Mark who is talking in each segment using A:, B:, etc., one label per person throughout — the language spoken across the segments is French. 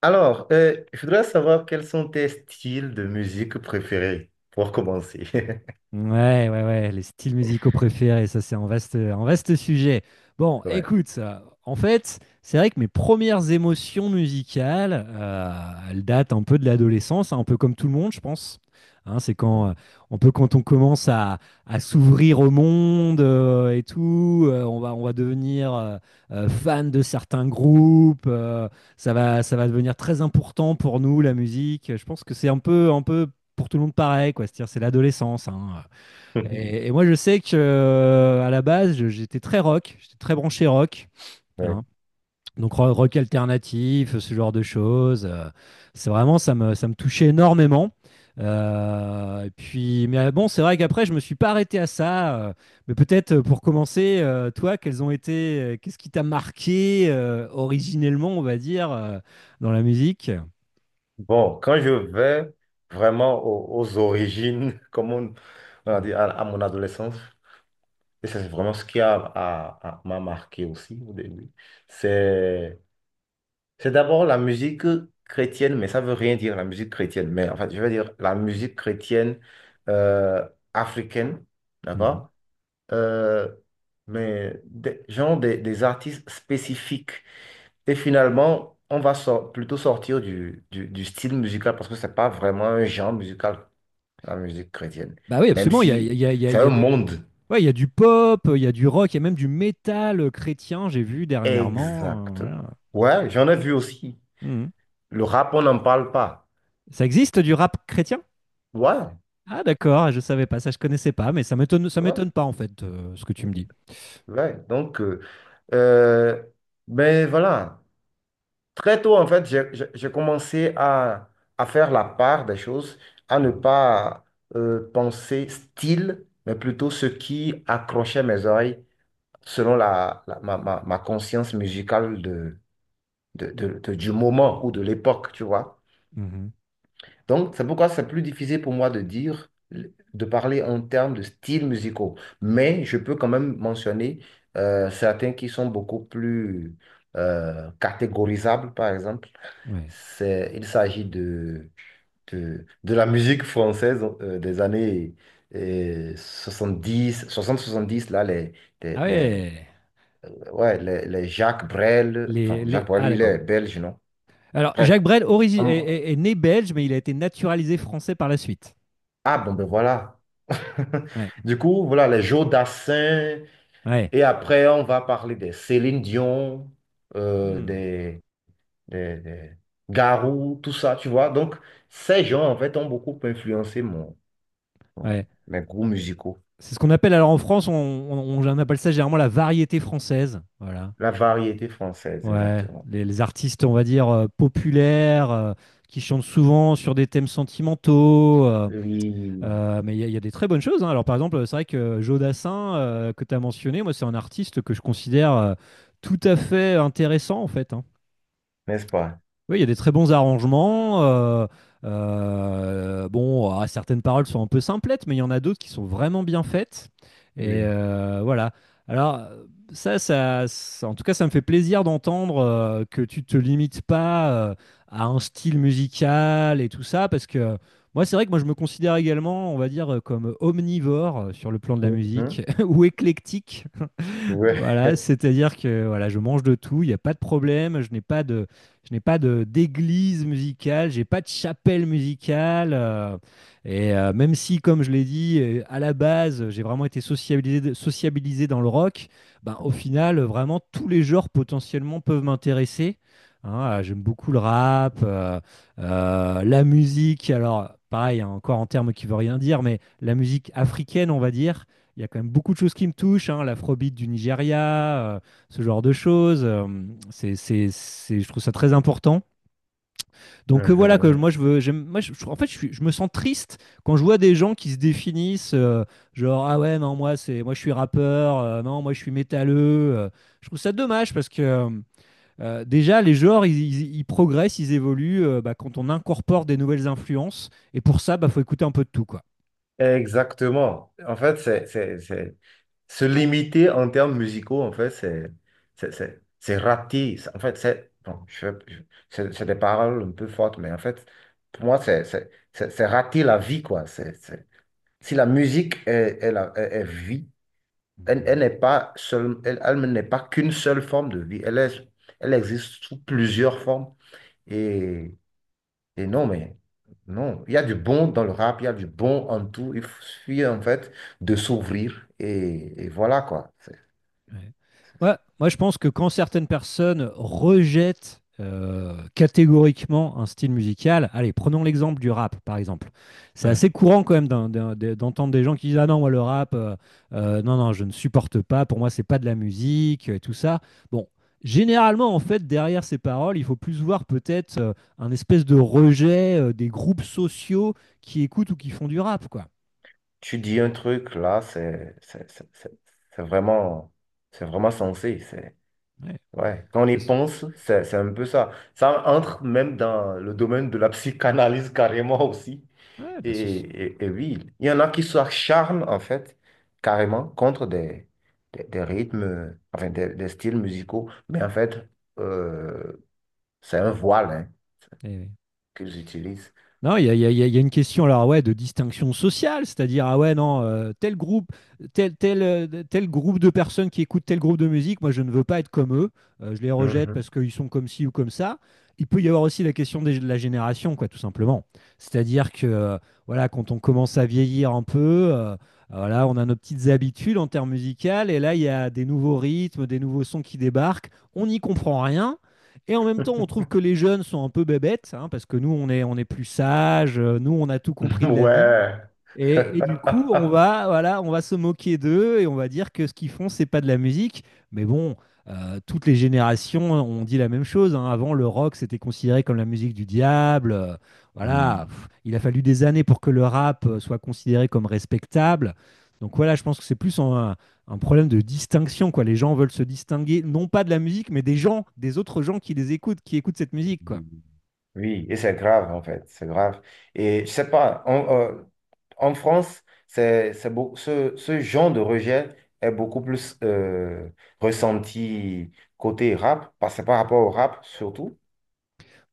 A: Alors, je voudrais savoir quels sont tes styles de musique préférés pour commencer.
B: Ouais, ouais, ouais, les styles musicaux préférés, ça c'est un vaste sujet. Bon,
A: Ouais.
B: écoute, en fait, c'est vrai que mes premières émotions musicales, elles datent un peu de l'adolescence, hein, un peu comme tout le monde, je pense. Hein, c'est
A: Ouais.
B: quand un peu quand on commence à s'ouvrir au monde et tout, on va devenir fan de certains groupes, ça va devenir très important pour nous, la musique. Je pense que c'est un peu pour tout le monde pareil, quoi. C'est-à-dire, c'est l'adolescence, hein. Et, moi, je sais que à la base, j'étais très rock, j'étais très branché rock,
A: Ouais.
B: hein. Donc rock alternatif, ce genre de choses. C'est vraiment, ça me touchait énormément. Et puis, mais bon, c'est vrai qu'après, je me suis pas arrêté à ça. Mais peut-être pour commencer, toi, quels ont été, qu'est-ce qui t'a marqué originellement, on va dire, dans la musique?
A: Bon, quand je vais vraiment aux origines, comme on a dit, à mon adolescence, et c'est vraiment ce qui m'a marqué aussi au début, c'est, c'est d'abord la musique chrétienne, mais ça veut rien dire la musique chrétienne, mais en fait, je veux dire la musique chrétienne euh, africaine,
B: Mhm.
A: d'accord? euh, mais des artistes spécifiques. Et finalement, plutôt sortir du style musical parce que c'est pas vraiment un genre musical, la musique chrétienne,
B: Bah oui,
A: même
B: absolument. Il y a, il
A: si
B: y a- il y a-
A: c'est
B: il y
A: un
B: a des-
A: monde.
B: Ouais, il y a du pop, il y a du rock, il y a même du métal chrétien, j'ai vu dernièrement.
A: Exactement.
B: Voilà.
A: Ouais, j'en ai vu aussi.
B: Mhm.
A: Le rap, on n'en parle pas.
B: Ça existe du rap chrétien?
A: Ouais,
B: Ah d'accord, je savais pas, ça je connaissais pas, mais ça m'étonne, ça
A: ouais,
B: m'étonne pas en fait, ce que tu me dis.
A: ouais. Donc, euh, ben voilà. Très tôt, en fait, j'ai commencé à faire la part des choses, à ne
B: Mhm.
A: pas penser style, mais plutôt ce qui accrochait mes oreilles selon ma conscience musicale du moment ou de l'époque, tu vois.
B: Mhm.
A: Donc, c'est pourquoi c'est plus difficile pour moi de dire, de parler en termes de styles musicaux. Mais je peux quand même mentionner certains qui sont beaucoup plus catégorisables, par exemple.
B: Ouais.
A: C'est, il s'agit de la musique française des années 60-70 là, les,
B: Ah
A: les-
B: ouais.
A: ouais, les Jacques Brel, enfin,
B: Les...
A: Jacques Brel,
B: Ah
A: lui, il
B: d'accord.
A: est belge, non?
B: Alors, Jacques
A: Bref.
B: Est,
A: Hum,
B: est né belge, mais il a été naturalisé français par la suite.
A: Ah, bon, ben voilà.
B: Ouais.
A: Du coup, voilà, les Joe Dassin,
B: Ouais.
A: et après, on va parler des Céline Dion, euh,
B: Hmm.
A: des, des Garou, tout ça, tu vois. Donc, ces gens, en fait, ont beaucoup influencé mon, bon,
B: Ouais.
A: les goûts musicaux.
B: C'est ce qu'on appelle, alors en France, on appelle ça généralement la variété française. Voilà.
A: La variété française,
B: Ouais,
A: exactement.
B: les artistes, on va dire, populaires, qui chantent souvent sur des thèmes sentimentaux.
A: Oui.
B: Mais il y a des très bonnes choses, hein. Alors, par exemple, c'est vrai que Joe Dassin, que tu as mentionné, moi, c'est un artiste que je considère tout à fait intéressant, en fait, hein.
A: N'est-ce pas?
B: Oui, il y a des très bons arrangements. Bon, ah, certaines paroles sont un peu simplettes, mais il y en a d'autres qui sont vraiment bien faites. Et
A: Oui.
B: voilà. Alors, en tout cas, ça me fait plaisir d'entendre que tu te limites pas à un style musical et tout ça, parce que c'est vrai que moi, je me considère également, on va dire, comme omnivore sur le plan de la musique,
A: Mhm.
B: ou éclectique.
A: Ouais.
B: Voilà, c'est-à-dire que voilà, je mange de tout, il n'y a pas de problème, je n'ai pas de d'église musicale, j'ai pas de chapelle musicale. Et même si, comme je l'ai dit, à la base, j'ai vraiment été sociabilisé dans le rock, ben, au final, vraiment, tous les genres potentiellement peuvent m'intéresser, hein. J'aime beaucoup le rap, la musique, alors pareil, hein, encore en termes qui ne veut rien dire, mais la musique africaine, on va dire. Il y a quand même beaucoup de choses qui me touchent, hein, l'afrobeat du Nigeria, ce genre de choses. Je trouve ça très important. Donc voilà, quoi,
A: Mhm.
B: moi, je veux, j'aime- moi je- en fait, je, suis- je me sens triste quand je vois des gens qui se définissent, genre, ah ouais, non, moi je suis rappeur, non, moi je suis métalleux. euh. Je trouve ça dommage parce que déjà, les genres, ils progressent, ils évoluent bah, quand on incorpore des nouvelles influences. Et pour ça, bah, faut écouter un peu de tout, quoi.
A: Exactement. En fait, c'est... Se limiter en termes musicaux, en fait, c'est raté. C'est, en fait, c'est bon, c'est des paroles un peu fortes, mais en fait, pour moi, c'est rater la vie, quoi. Si la musique est, elle, elle n'est pas seule, elle, elle n'est pas qu'une seule forme de vie. Elle est, elle existe sous plusieurs formes. Et, et non, mais non, il y a du bon dans le rap, il y a du bon en tout. Il suffit en fait de s'ouvrir et voilà quoi. C'est...
B: Ouais. Moi, je pense que quand certaines personnes rejettent catégoriquement un style musical, allez, prenons l'exemple du rap, par exemple. C'est assez
A: Hum.
B: courant quand même d'entendre des gens qui disent ah non, moi le rap, non, non, je ne supporte pas, pour moi, c'est pas de la musique, et tout ça. Bon, généralement, en fait, derrière ces paroles, il faut plus voir peut-être un espèce de rejet des groupes sociaux qui écoutent ou qui font du rap, quoi.
A: Tu dis un truc là, c'est vraiment, c'est vraiment sensé.
B: Ouais,
A: Ouais, quand on y
B: parce-
A: pense, c'est un peu ça. Ça entre même dans le domaine de la psychanalyse carrément aussi.
B: ouais, la soci-
A: Et oui, il y en a qui s'acharnent en fait carrément des
B: ouais.
A: rythmes, des styles musicaux. Mais en fait, euh, c'est un voile hein,
B: Eh oui.
A: qu'ils utilisent.
B: Non, il y a, il y a- il y a il y a une question alors ouais de distinction sociale, c'est-à-dire ah ouais non tel groupe, tel groupe de personnes qui écoutent tel groupe de musique, moi je ne veux pas être comme eux, je les rejette parce
A: Mhm.
B: qu'ils sont comme ci ou comme ça. Il peut y avoir aussi la question de la génération quoi tout simplement, c'est-à-dire que voilà quand on commence à vieillir un peu, voilà on a nos petites habitudes en termes musicales et là il y a des nouveaux rythmes, des nouveaux sons qui débarquent, on n'y comprend rien. Et en même temps, on trouve que les jeunes sont un peu bébêtes, hein, parce que nous, on est plus sages, nous, on a tout compris de la vie.
A: Ouais.
B: Et du coup, voilà, on va se moquer d'eux et on va dire que ce qu'ils font, c'est pas de la musique. Mais bon, toutes les générations ont dit la même chose, hein. Avant, le rock, c'était considéré comme la musique du diable.
A: Oui.
B: Voilà, pff, il a fallu des années pour que le rap soit considéré comme respectable. Donc voilà, je pense que c'est plus un problème de distinction, quoi. Les gens veulent se distinguer, non pas de la musique, mais des gens, des autres gens qui les écoutent, qui écoutent cette musique, quoi.
A: Oui, et c'est grave en fait, c'est grave. Et je sais pas, en France, ce genre de rejet est beaucoup plus ressenti côté rap, parce que par rapport au rap surtout.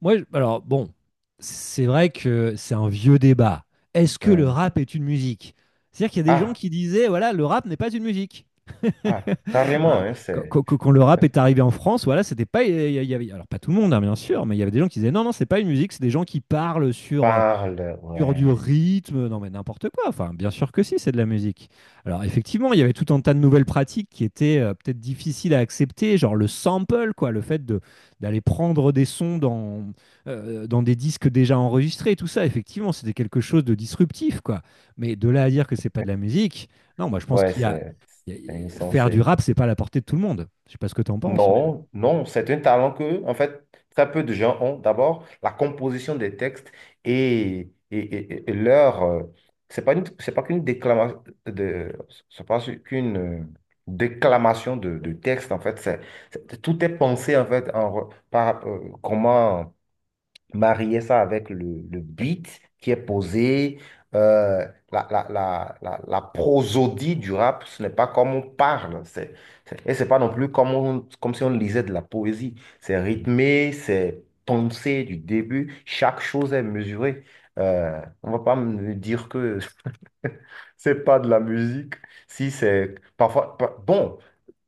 B: Alors bon, c'est vrai que c'est un vieux débat. Est-ce que le
A: Hum.
B: rap est une musique? C'est-à-dire qu'il y a des gens
A: Ah,
B: qui disaient, voilà, le rap n'est pas une musique.
A: ah, carrément,
B: Hein.
A: hein,
B: Quand,
A: c'est
B: quand- quand- quand le rap est arrivé en France, voilà, c'était pas, alors pas tout le monde, hein, bien sûr, mais il y avait des gens qui disaient, non, non, c'est pas une musique, c'est des gens qui parlent sur,
A: parle,
B: sur du
A: ouais,
B: rythme, non mais n'importe quoi. Enfin, bien sûr que si, c'est de la musique. Alors effectivement, il y avait tout un tas de nouvelles pratiques qui étaient peut-être difficiles à accepter, genre le sample, quoi, le fait de d'aller prendre des sons dans dans des disques déjà enregistrés, tout ça. Effectivement, c'était quelque chose de disruptif, quoi. Mais de là à dire que c'est pas de la musique, non, moi je pense
A: ouais,
B: qu'il
A: c'est
B: faire du
A: insensé.
B: rap, c'est pas à la portée de tout le monde. Je sais pas ce que tu en penses, mais-
A: Non, non, c'est un talent que, en fait, très peu de gens ont. D'abord, la composition des textes et leur, c'est pas une- c'est pas qu'une déclamation c'est pas su- qu'une déclamation de texte, en fait. Tout est pensé, en fait, comment marier ça avec le beat qui est
B: ouais.
A: posé, euh, la prosodie du rap, ce n'est pas comme on parle, et c'est pas non plus comme, comme si on lisait de la poésie. C'est rythmé, c'est pensé du début, chaque chose est mesurée. On va pas me dire que c'est pas de la musique, si c'est parfois, bon,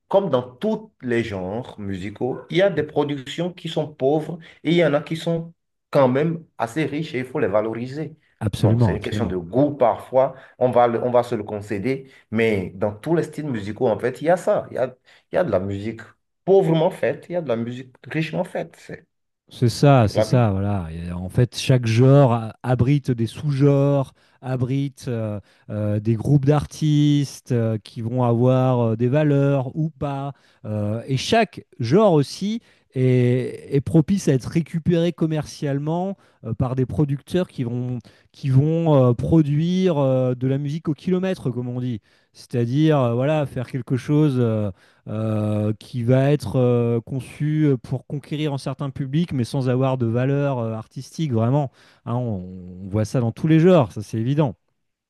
A: comme dans tous les genres musicaux, il y a des productions qui sont pauvres et il y en a qui sont quand même assez riches et il faut les valoriser. Bon,
B: Absolument,
A: c'est une question de
B: absolument.
A: goût parfois, on va se le concéder, mais dans tous les styles musicaux, en fait, il y a ça. Il y a de la musique pauvrement faite, il y a de la musique richement faite. C'est
B: C'est
A: la vie.
B: ça, voilà. Et en fait, chaque abrite des sous-genres, abrite des groupes d'artistes qui vont avoir des valeurs ou pas. Et chaque genre aussi est propice à être récupéré commercialement par des producteurs qui vont produire de la musique au kilomètre, comme on dit. C'est-à-dire, voilà, faire quelque chose. Qui va être conçu pour conquérir un certain public, mais sans avoir de valeur artistique, vraiment. Hein, on voit ça dans tous les genres, ça c'est évident.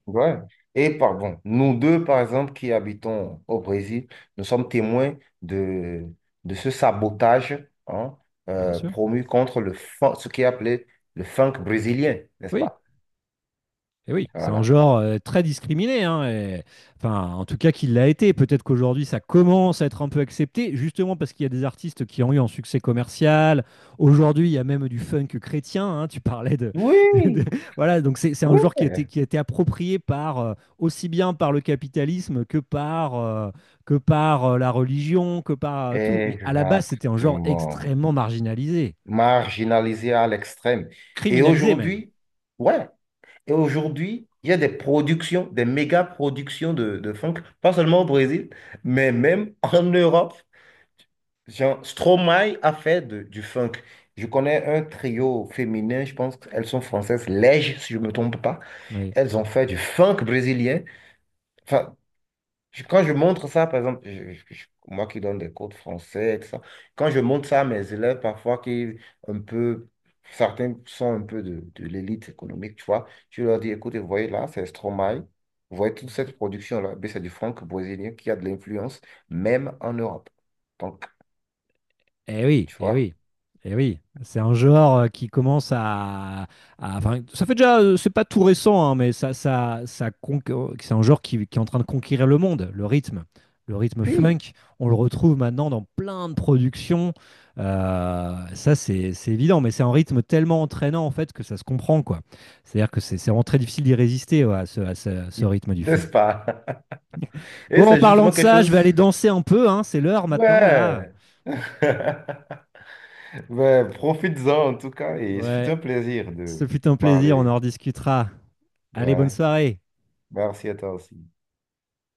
A: Ouais. Et pardon, nous deux, par exemple, qui habitons au Brésil, nous sommes témoins de ce sabotage hein,
B: Bien sûr.
A: promu contre ce qui est appelé le funk brésilien, n'est-ce
B: Oui.
A: pas?
B: Et oui, c'est un
A: Voilà.
B: genre très discriminé, hein, et- enfin, en tout cas qu'il l'a été. Peut-être qu'aujourd'hui ça commence à être un peu accepté, justement parce qu'il y a des artistes qui ont eu un succès commercial. Aujourd'hui, il y a même du funk chrétien, hein, tu parlais de, de- de-
A: Oui,
B: voilà, donc c'est un
A: oui,
B: genre qui a été approprié par aussi bien par le capitalisme que par la religion, que par tout. Mais à la base, c'était un genre
A: exactement.
B: extrêmement marginalisé,
A: Marginalisé à l'extrême. Et
B: criminalisé même.
A: aujourd'hui, ouais, et aujourd'hui, il y a des productions, des méga productions de funk, pas seulement au Brésil, mais même en Europe. Jean, Stromae a fait du funk. Je connais un trio féminin, je pense qu'elles sont françaises, Lège, si je ne me trompe pas.
B: Oui.
A: Elles ont fait du funk brésilien. Enfin, quand je montre ça, par exemple, moi qui donne des cours de français, et tout ça, quand je montre ça à mes élèves, parfois, qui un peu, certains sont un peu de l'élite économique, tu vois, je leur dis, écoutez, vous voyez là, c'est Stromae. Vous voyez toute cette production-là, ben, c'est du funk brésilien qui a de l'influence, même en Europe. Donc,
B: Eh oui,
A: tu
B: eh
A: vois.
B: oui, eh oui. C'est un genre qui commence à- enfin, ça fait déjà, c'est pas tout récent, hein, mais c'est un genre qui est en train de conquérir le monde, le rythme. Le rythme
A: Puis,
B: funk, on le retrouve maintenant dans plein de productions. C'est évident, mais c'est un rythme tellement entraînant, en fait, que ça se comprend, quoi. C'est-à-dire que c'est vraiment très difficile d'y résister, ouais, à ce rythme du funk.
A: n'est-ce pas? Et
B: Bon, en
A: c'est
B: parlant
A: justement
B: de
A: quelque
B: ça, je
A: chose.
B: vais aller danser un peu, hein, c'est l'heure maintenant, là.
A: Ouais. Ouais, profites-en en tout cas et ce fut un
B: Ouais.
A: plaisir
B: Ce
A: de
B: fut un plaisir, on en
A: parler.
B: rediscutera. Allez, bonne
A: Ouais.
B: soirée.
A: Merci à toi aussi.